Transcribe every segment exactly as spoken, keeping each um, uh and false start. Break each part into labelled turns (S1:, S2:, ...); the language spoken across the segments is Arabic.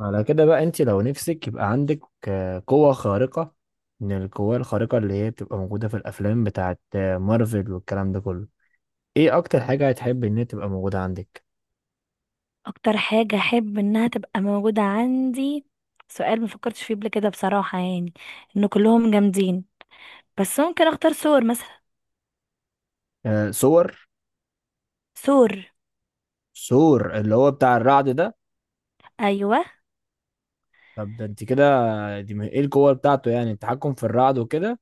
S1: على كده بقى انت لو نفسك يبقى عندك آه، قوة خارقة من القوة الخارقة اللي هي بتبقى موجودة في الأفلام بتاعت آه، مارفل والكلام ده كله. ايه أكتر حاجة هتحب ان هي تبقى موجودة عندك؟
S2: اكتر حاجة احب انها تبقى موجودة عندي. سؤال ما فكرتش فيه قبل كده بصراحة، يعني ان كلهم جامدين، بس ممكن اختار سور مثلا.
S1: آه، سور.
S2: سور.
S1: سور اللي هو بتاع الرعد ده.
S2: ايوه.
S1: طب ده انت كده. آه، دي م- ايه القوة بتاعته؟ يعني التحكم في الرعد وكده.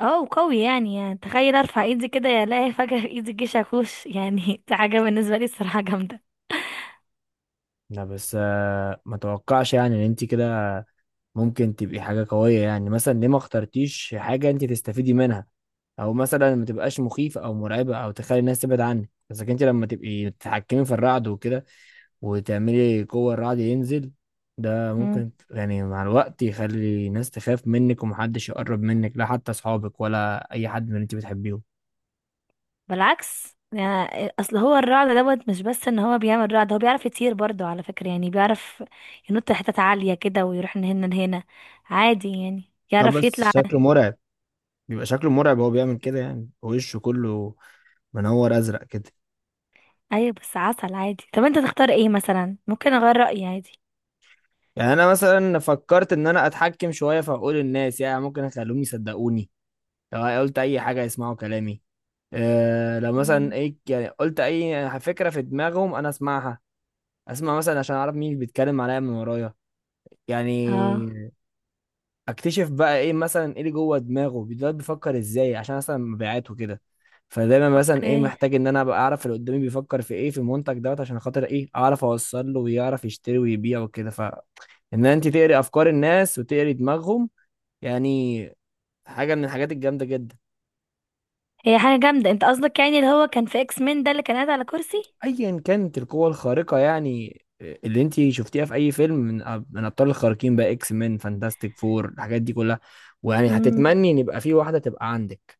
S2: اه وقوي يعني, يعني تخيل ارفع ايدي كده يا الاقي فجأة في ايدي الجيش اخوش يعني دي حاجة بالنسبة لي الصراحة جامدة.
S1: لا بس آه، ما توقعش يعني ان انت كده ممكن تبقي حاجة قوية. يعني مثلا ليه ما اخترتيش حاجة انت تستفيدي منها؟ او مثلا ما تبقاش مخيفه او مرعبه او تخلي الناس تبعد عنك. بس لكن انت لما تبقي تتحكمي في الرعد وكده، وتعملي قوه الرعد ينزل، ده
S2: مم.
S1: ممكن ت- يعني مع الوقت يخلي الناس تخاف منك، ومحدش يقرب منك، لا حتى اصحابك ولا اي حد من اللي انت بتحبيهم.
S2: بالعكس يعني، اصل هو الرعد دوت مش بس ان هو بيعمل رعد، هو بيعرف يطير برضه على فكرة، يعني بيعرف ينط لحتت عالية كده ويروح من هنا لهنا عادي يعني.
S1: اه
S2: يعرف
S1: بس
S2: يطلع.
S1: شكله مرعب. بيبقى شكله مرعب وهو بيعمل كده، يعني وشه كله منور ازرق كده.
S2: ايوه بس عسل عادي. طب انت تختار ايه مثلا؟ ممكن اغير رأيي عادي.
S1: يعني انا مثلا فكرت ان انا اتحكم شويه في عقول الناس. يعني ممكن اخليهم يصدقوني، لو قلت اي حاجه يسمعوا كلامي. آه لو مثلا
S2: مم.
S1: ايه، يعني قلت اي فكره في دماغهم انا اسمعها. اسمع مثلا عشان اعرف مين بيتكلم عليا من ورايا،
S2: اه.
S1: يعني اكتشف بقى ايه مثلا، ايه اللي جوه دماغه ده، بيفكر ازاي عشان مثلا مبيعاته كده. فدايما مثلا ايه،
S2: اوكي.
S1: محتاج ان انا ابقى اعرف اللي قدامي بيفكر في ايه في المنتج دوت، عشان خاطر ايه اعرف اوصل له ويعرف يشتري ويبيع وكده. فان انت تقري افكار الناس وتقري دماغهم، يعني حاجه من الحاجات الجامده جدا.
S2: هي حاجة جامدة، انت قصدك يعني اللي هو كان في اكس مين ده اللي كان قاعد على كرسي؟
S1: ايا كانت القوة الخارقة يعني، اللي انت شفتيها في اي فيلم من أب- من ابطال الخارقين بقى، اكس مان، فانتاستيك فور، الحاجات دي كلها، ويعني
S2: مم.
S1: هتتمني ان يبقى في واحدة تبقى عندك.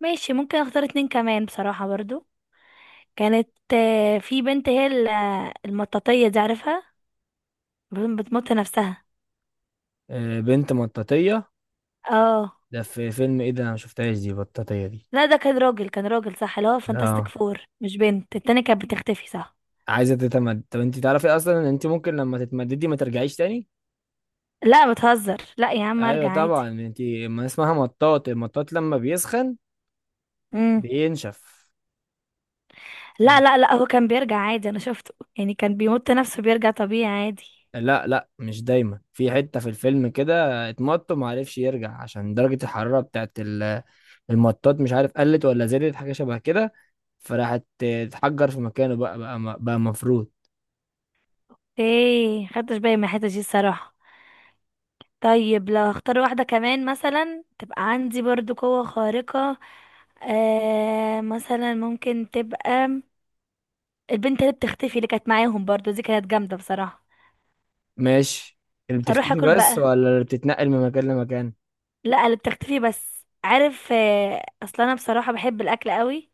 S2: ماشي. ممكن اختار اتنين كمان بصراحة برضو. كانت آه، في بنت، هي ال- آه، المطاطية دي، عارفها؟ بت- بتمط نفسها.
S1: آه، بنت مطاطية!
S2: اه.
S1: ده في فيلم ايه ده؟ انا ما شفتهاش دي، بطاطية دي!
S2: لا ده كان راجل كان راجل صح، اللي هو فانتاستيك
S1: اه
S2: فور. مش بنت؟ التانية كانت بتختفي صح.
S1: عايزة تتمد؟ طب انت تعرفي اصلا ان انت ممكن لما تتمددي ما ترجعيش تاني.
S2: لا بتهزر، لا يا عم
S1: ايوه
S2: ارجع
S1: طبعا
S2: عادي.
S1: انت، ما اسمها مطاط، المطاط لما بيسخن بينشف.
S2: لا، لا، لا، هو كان بيرجع عادي، انا شفته يعني كان بيمط نفسه بيرجع طبيعي عادي.
S1: لا لا، مش دايما. في حتة في الفيلم كده اتمط وما عرفش يرجع عشان درجة الحرارة بتاعت ال- المطاط، مش عارف قلت ولا زادت، حاجة شبه كده. فراحت اتحجر في مكانه بقى. بقى م- بقى مفروض.
S2: ايه، خدتش بالي من الحته دي الصراحه. طيب لو هختار واحده كمان مثلا تبقى عندي برضو قوه خارقه، آه مثلا ممكن تبقى البنت اللي بتختفي اللي كانت معاهم برضو، دي كانت جامده بصراحه.
S1: ماشي. اللي
S2: اروح
S1: بتختفي
S2: اكل
S1: بس،
S2: بقى.
S1: ولا اللي بتتنقل من مكان لمكان؟
S2: لا، اللي بتختفي بس، عارف؟ آه اصلا انا بصراحه بحب الاكل قوي،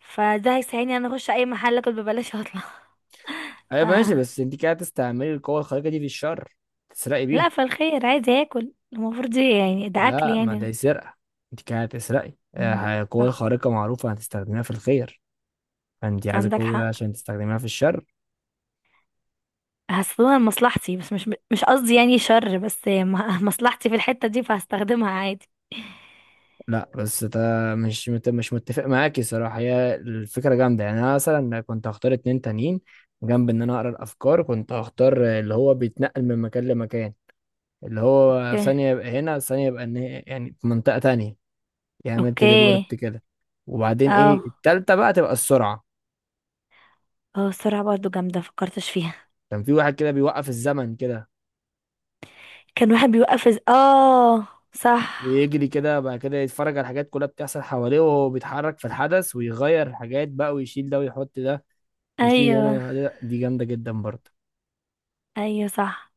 S2: فده هيساعدني ان انا اخش اي محل اكل ببلاش واطلع.
S1: ايوه ماشي، بس انت كده هتستعملي القوة الخارقة دي في الشر، تسرقي
S2: لا،
S1: بيها.
S2: فالخير عايز ياكل المفروض، دي يعني ده اكل
S1: لا، ما
S2: يعني.
S1: ده سرقة. انت كده هتسرقي.
S2: مم.
S1: آه، القوة
S2: صح.
S1: الخارقة معروفة هتستخدميها في الخير، فانت
S2: انت
S1: عايزة
S2: عندك
S1: قوة
S2: حق.
S1: عشان تستخدميها في الشر.
S2: هستخدمها لمصلحتي بس، مش مش قصدي يعني شر، بس م- مصلحتي في الحتة دي، فهستخدمها عادي.
S1: لا بس ده مش مت- مش متفق معاكي صراحة. هي الفكرة جامدة يعني. أنا مثلا كنت هختار اتنين تانيين، جنب إن أنا أقرأ الأفكار كنت هختار اللي هو بيتنقل من مكان لمكان، اللي هو في
S2: اوكي.
S1: ثانية يبقى هنا في ثانية يبقى إن هي- يعني في منطقة تانية. يعمل
S2: اوكي.
S1: تليبورت كده. وبعدين إيه
S2: اه.
S1: التالتة بقى؟ تبقى السرعة.
S2: اه السرعة برضو جامدة، مفكرتش فيها.
S1: كان في واحد كده بيوقف الزمن كده،
S2: كان واحد بيوقف إز- اه صح.
S1: ويجري كده بعد كده يتفرج على الحاجات كلها بتحصل حواليه وهو بيتحرك في الحدث، ويغير حاجات بقى، ويشيل ده ويحط ده، ويشيل هنا
S2: ايوه،
S1: ويحط ده. دي جامدة جدا برضه.
S2: ايوه صح.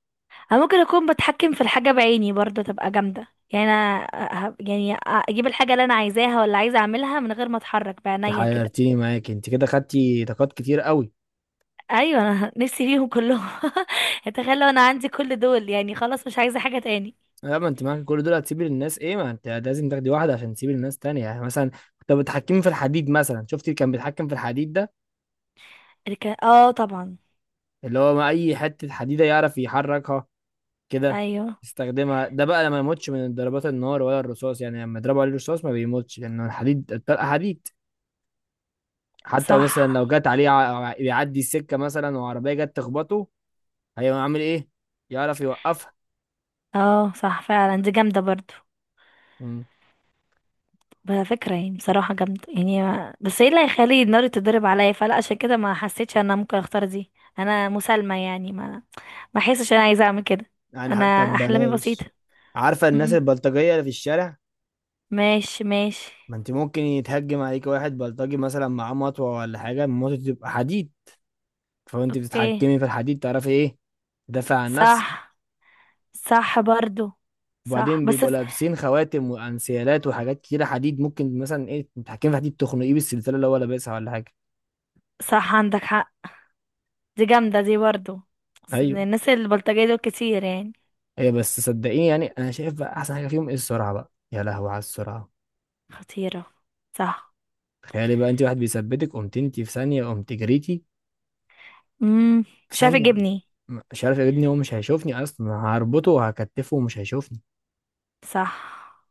S2: انا ممكن اكون بتحكم في الحاجة بعيني برضو، تبقى جامدة. يعني انا ه- يعني اجيب الحاجة اللي انا عايزاها ولا عايزة اعملها من غير ما اتحرك
S1: انت
S2: بعينيا كده.
S1: حيرتيني معاك، انت كده خدتي طاقات كتير قوي.
S2: ايوه، انا نفسي فيهم كلهم. اتخيل لو انا عندي كل دول، يعني خلاص مش عايزه حاجه تاني.
S1: لا، ما انت معاك كل دول هتسيبي للناس ايه؟ ما انت لازم تاخدي واحده عشان تسيبي للناس تانية. يعني مثلا طب بتحكمي في الحديد مثلا، شفتي اللي كان بيتحكم في الحديد ده،
S2: الك- اه طبعا.
S1: اللي هو ما اي حته حديده يعرف يحركها كده،
S2: ايوه
S1: يستخدمها. ده بقى لما يموتش من ضربات النار ولا الرصاص. يعني لما يضربوا عليه الرصاص ما بيموتش لانه الحديد، الطلقه حديد. حتى مثلا لو
S2: صح.
S1: جت عليه ع- بيعدي السكه مثلا وعربيه جت تخبطه، هيعمل ايه؟ يعرف يوقفها.
S2: اه صح فعلا، دي جامده برضو. بقى فكره يعني بصراحه جامده، يعني ما- بس ايه اللي هيخلي النار تتضرب عليا؟ فلا، عشان كده ما حسيتش انا ممكن اختار دي. انا مسالمه يعني، ما ما احسش انا عايزه اعمل كده.
S1: يعني حتى
S2: انا احلامي بسيطه.
S1: ببلاش. عارفة الناس
S2: مم.
S1: البلطجية اللي في الشارع؟
S2: ماشي، ماشي.
S1: ما انت ممكن يتهجم عليك واحد بلطجي مثلا معاه مطوة ولا حاجة، المطوة تبقى حديد، فانت
S2: اوكي.
S1: بتتحكمي في الحديد تعرفي ايه تدافع عن نفسك.
S2: صح. صح برضو. صح
S1: وبعدين
S2: بس.
S1: بيبقوا لابسين خواتم وانسيالات وحاجات كتيرة حديد، ممكن مثلا ايه تتحكمي في حديد تخنقيه بالسلسلة اللي هو لابسها ولا حاجة.
S2: صح عندك حق. دي جامدة دي برضو. أصل
S1: ايوه،
S2: الناس البلطجية دول كتير يعني.
S1: هي بس صدقيني، يعني انا شايف بقى احسن حاجة فيهم ايه؟ السرعة بقى، يا لهوي على السرعة.
S2: خطيرة. صح.
S1: تخيلي بقى انت واحد بيثبتك، قمت انت في ثانية قمت جريتي
S2: امم
S1: في
S2: مش عارف
S1: ثانية.
S2: يجيبني.
S1: مش عارف يا ابني، هو مش هيشوفني اصلا، هربطه وهكتفه ومش هيشوفني.
S2: صح.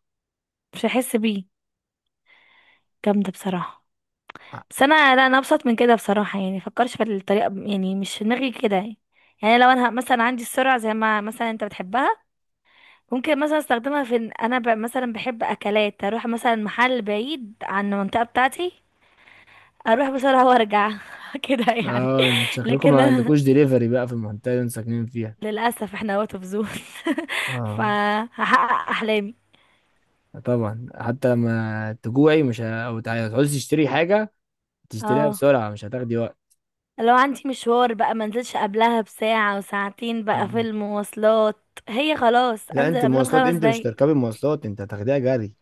S2: مش هحس بيه، جامدة بصراحة. بس انا، لا، انا ابسط من كده بصراحة، يعني مفكرش في الطريقة ب- يعني مش في دماغي كده يعني. يعني لو انا ه- مثلا عندي السرعة زي ما مثلا انت بتحبها، ممكن مثلا استخدمها في إن انا ب... مثلا بحب اكلات، اروح مثلا محل بعيد عن المنطقة بتاعتي، اروح بسرعة وارجع. كده يعني.
S1: اه شكلكم
S2: لكن
S1: ما عندكوش دليفري بقى في المنطقة اللي انتوا ساكنين فيها.
S2: للأسف احنا اوت اوف زون.
S1: اه
S2: فهحقق أحلامي.
S1: طبعا، حتى لما تجوعي مش ه... او تع- تعوزي تشتري حاجة، تشتريها
S2: اه،
S1: بسرعة مش هتاخدي وقت.
S2: لو عندي مشوار بقى منزلش قبلها بساعة وساعتين بقى في
S1: مم.
S2: المواصلات. هي خلاص
S1: لا، انت
S2: انزل قبلها
S1: مواصلات؟
S2: بخمس
S1: انت مش
S2: دقايق
S1: تركبي مواصلات، انت هتاخديها جري.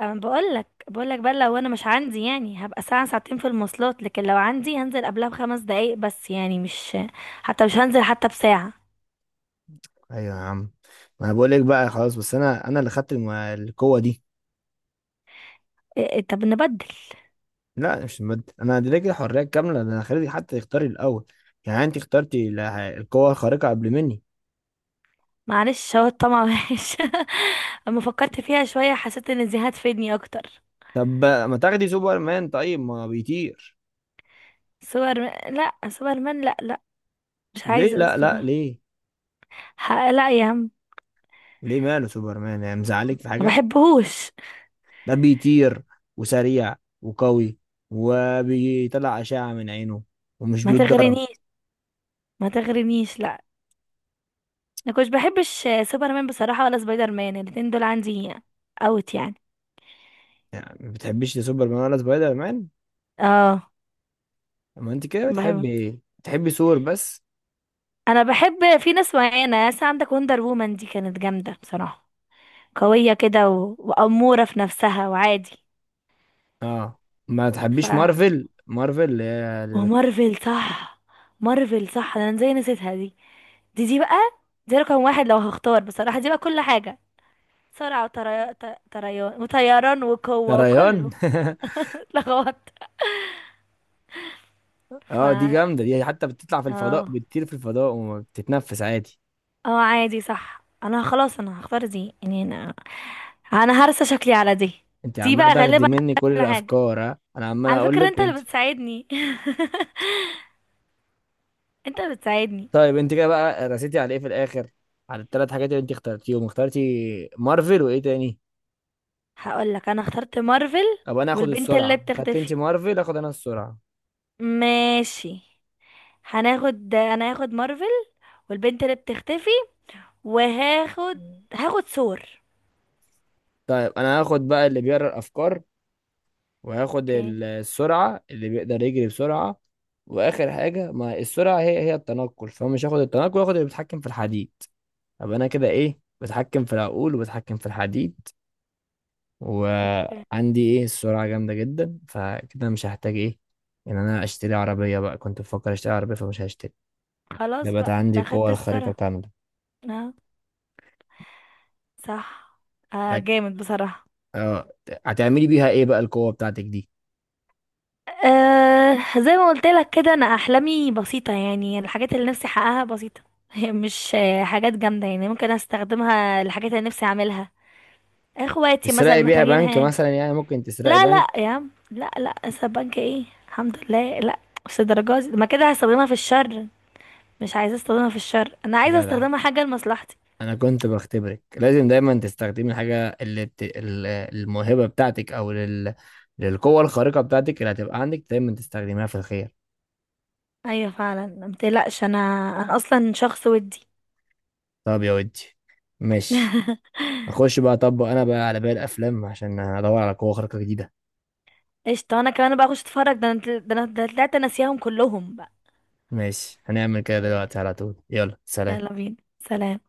S2: انا بقولك، بقولك بقى، لو انا مش عندي يعني هبقى ساعة ساعتين في المواصلات، لكن لو عندي هنزل قبلها بخمس دقايق بس يعني مش، حتى مش هنزل حتى بساعة.
S1: ايوه يا عم، ما انا بقول لك بقى خلاص. بس انا انا اللي خدت الم- القوة دي.
S2: إيه، إيه، طب نبدل.
S1: لا مش المادة، انا اديتك الحرية الكاملة، ده انا خليتك حتى تختاري الاول. يعني انت اخترتي ال- القوة الخارقة قبل مني.
S2: معلش، هو الطمع وحش. اما فكرت فيها شوية حسيت ان دي هتفيدني اكتر.
S1: طب ما تاخدي سوبرمان، طيب ما بيطير.
S2: سوبر لا، سوبر مان، لا، لا. مش
S1: ليه
S2: عايزة
S1: لا؟ لا
S2: أسمع.
S1: ليه؟
S2: ح- لا يا عم.
S1: ليه ماله سوبرمان؟ يعني مزعلك في
S2: ما
S1: حاجة؟
S2: بحبهوش.
S1: ده بيطير، وسريع، وقوي، وبيطلع أشعة من عينه، ومش
S2: ما
S1: بيتضرب.
S2: تغرنيش، ما تغرنيش لا. انا كنتش بحبش سوبرمان بصراحة، ولا سبايدر مان، الاتنين دول عندي اوت يعني.
S1: يعني ما بتحبيش لا سوبرمان ولا سبايدر مان؟
S2: اه.
S1: ما انت كده بتحبي
S2: بحب
S1: ايه؟ بتحبي ثور بس؟
S2: انا بحب في ناس معينة، ناس عندك، وندر وومن دي كانت جامدة بصراحة، قوية كده و... وأمورة في نفسها وعادي.
S1: اه ما
S2: ف
S1: تحبيش مارفل، مارفل اللي هي اللي بت-
S2: ومارفل صح. مارفل صح، انا ازاي نسيتها دي؟ دي دي بقى. دي رقم واحد لو هختار بصراحة، دي بقى كل حاجة. سرعة وطري... ط- طريان وطيران
S1: يا
S2: وقوة
S1: ريان
S2: وكله. لغوت. ف
S1: اه دي
S2: اه،
S1: جامده دي، حتى بتطلع في الفضاء، بتطير في الفضاء وما بتتنفس عادي.
S2: اه عادي صح. انا خلاص، انا هختار دي يعني، انا انا هرسى شكلي على دي.
S1: انت
S2: دي
S1: عماله
S2: بقى
S1: تاخدي
S2: غالبا
S1: مني
S2: على
S1: كل
S2: كل حاجة.
S1: الافكار، ها انا عمال
S2: على
S1: اقول
S2: فكرة
S1: لك
S2: انت
S1: وانت.
S2: اللي بتساعدني. انت اللي بتساعدني.
S1: طيب انت كده بقى رسيتي على ايه في الاخر؟ على الثلاث حاجات اللي انت اخترتيهم، اخترتي مارفل وايه تاني؟
S2: هقول لك، انا اخترت مارفل.
S1: طب انا هاخد
S2: والبنت اللي
S1: السرعه، خدت انت
S2: بتختفي.
S1: مارفل اخد انا السرعه.
S2: ماشي. هناخد انا هاخد مارفل. والبنت اللي بتختفي، وهاخد هاخد ثور.
S1: طيب انا هاخد بقى اللي بيقرا الافكار، وهاخد
S2: اوكي.
S1: ال- السرعه اللي بيقدر يجري بسرعه. واخر حاجه، ما السرعه هي هي التنقل، فمش هاخد التنقل، هاخد اللي بيتحكم في الحديد. ابقى انا كده ايه، بتحكم في العقول وبتحكم في الحديد، وعندي ايه السرعه جامده جدا. فكده مش هحتاج ايه ان انا اشتري عربيه بقى، كنت بفكر اشتري عربيه فمش هشتري. ده
S2: خلاص
S1: بقى
S2: بقى، انت
S1: عندي
S2: اخدت
S1: القوه الخارقه
S2: السرعة.
S1: كامله.
S2: اه صح. آه
S1: هت-
S2: جامد بصراحة.
S1: اه، هتعملي بيها ايه بقى القوه بتاعتك دي؟
S2: آه زي ما قلت لك كده، انا احلامي بسيطة يعني. الحاجات اللي نفسي احققها بسيطة. هي مش آه، حاجات جامدة يعني، ممكن استخدمها الحاجات اللي نفسي اعملها. اخواتي مثلا
S1: تسرقي بيها
S2: محتاجين
S1: بنك
S2: حاجة.
S1: مثلا؟ يعني ممكن تسرقي
S2: لا، لا
S1: بنك.
S2: يا عم، لا، لا، السبانكة ايه الحمد لله، لا. مش الدرجة دي، ما كده هستخدمها في الشر. مش عايزة استخدمها في الشر، انا عايزة
S1: جدع.
S2: استخدمها حاجة لمصلحتي.
S1: انا كنت بختبرك. لازم دايما تستخدمي الحاجه اللي بت... ال- الموهبه بتاعتك، او لل... للقوه الخارقه بتاعتك اللي هتبقى عندك، دايما تستخدميها في الخير.
S2: ايوه فعلا متقلقش انا. انا اصلا شخص ودي.
S1: طب يا ودي، ماشي. اخش بقى اطبق انا بقى على باقي الافلام عشان ادور على قوة خارقة جديدة.
S2: قشطة، انا كمان بقى اخش اتفرج، ده انا ده انا ده أنا طلعت ناسياهم كلهم بقى.
S1: ماشي هنعمل كده دلوقتي على طول، يلا سلام.
S2: يلا بينا، سلام.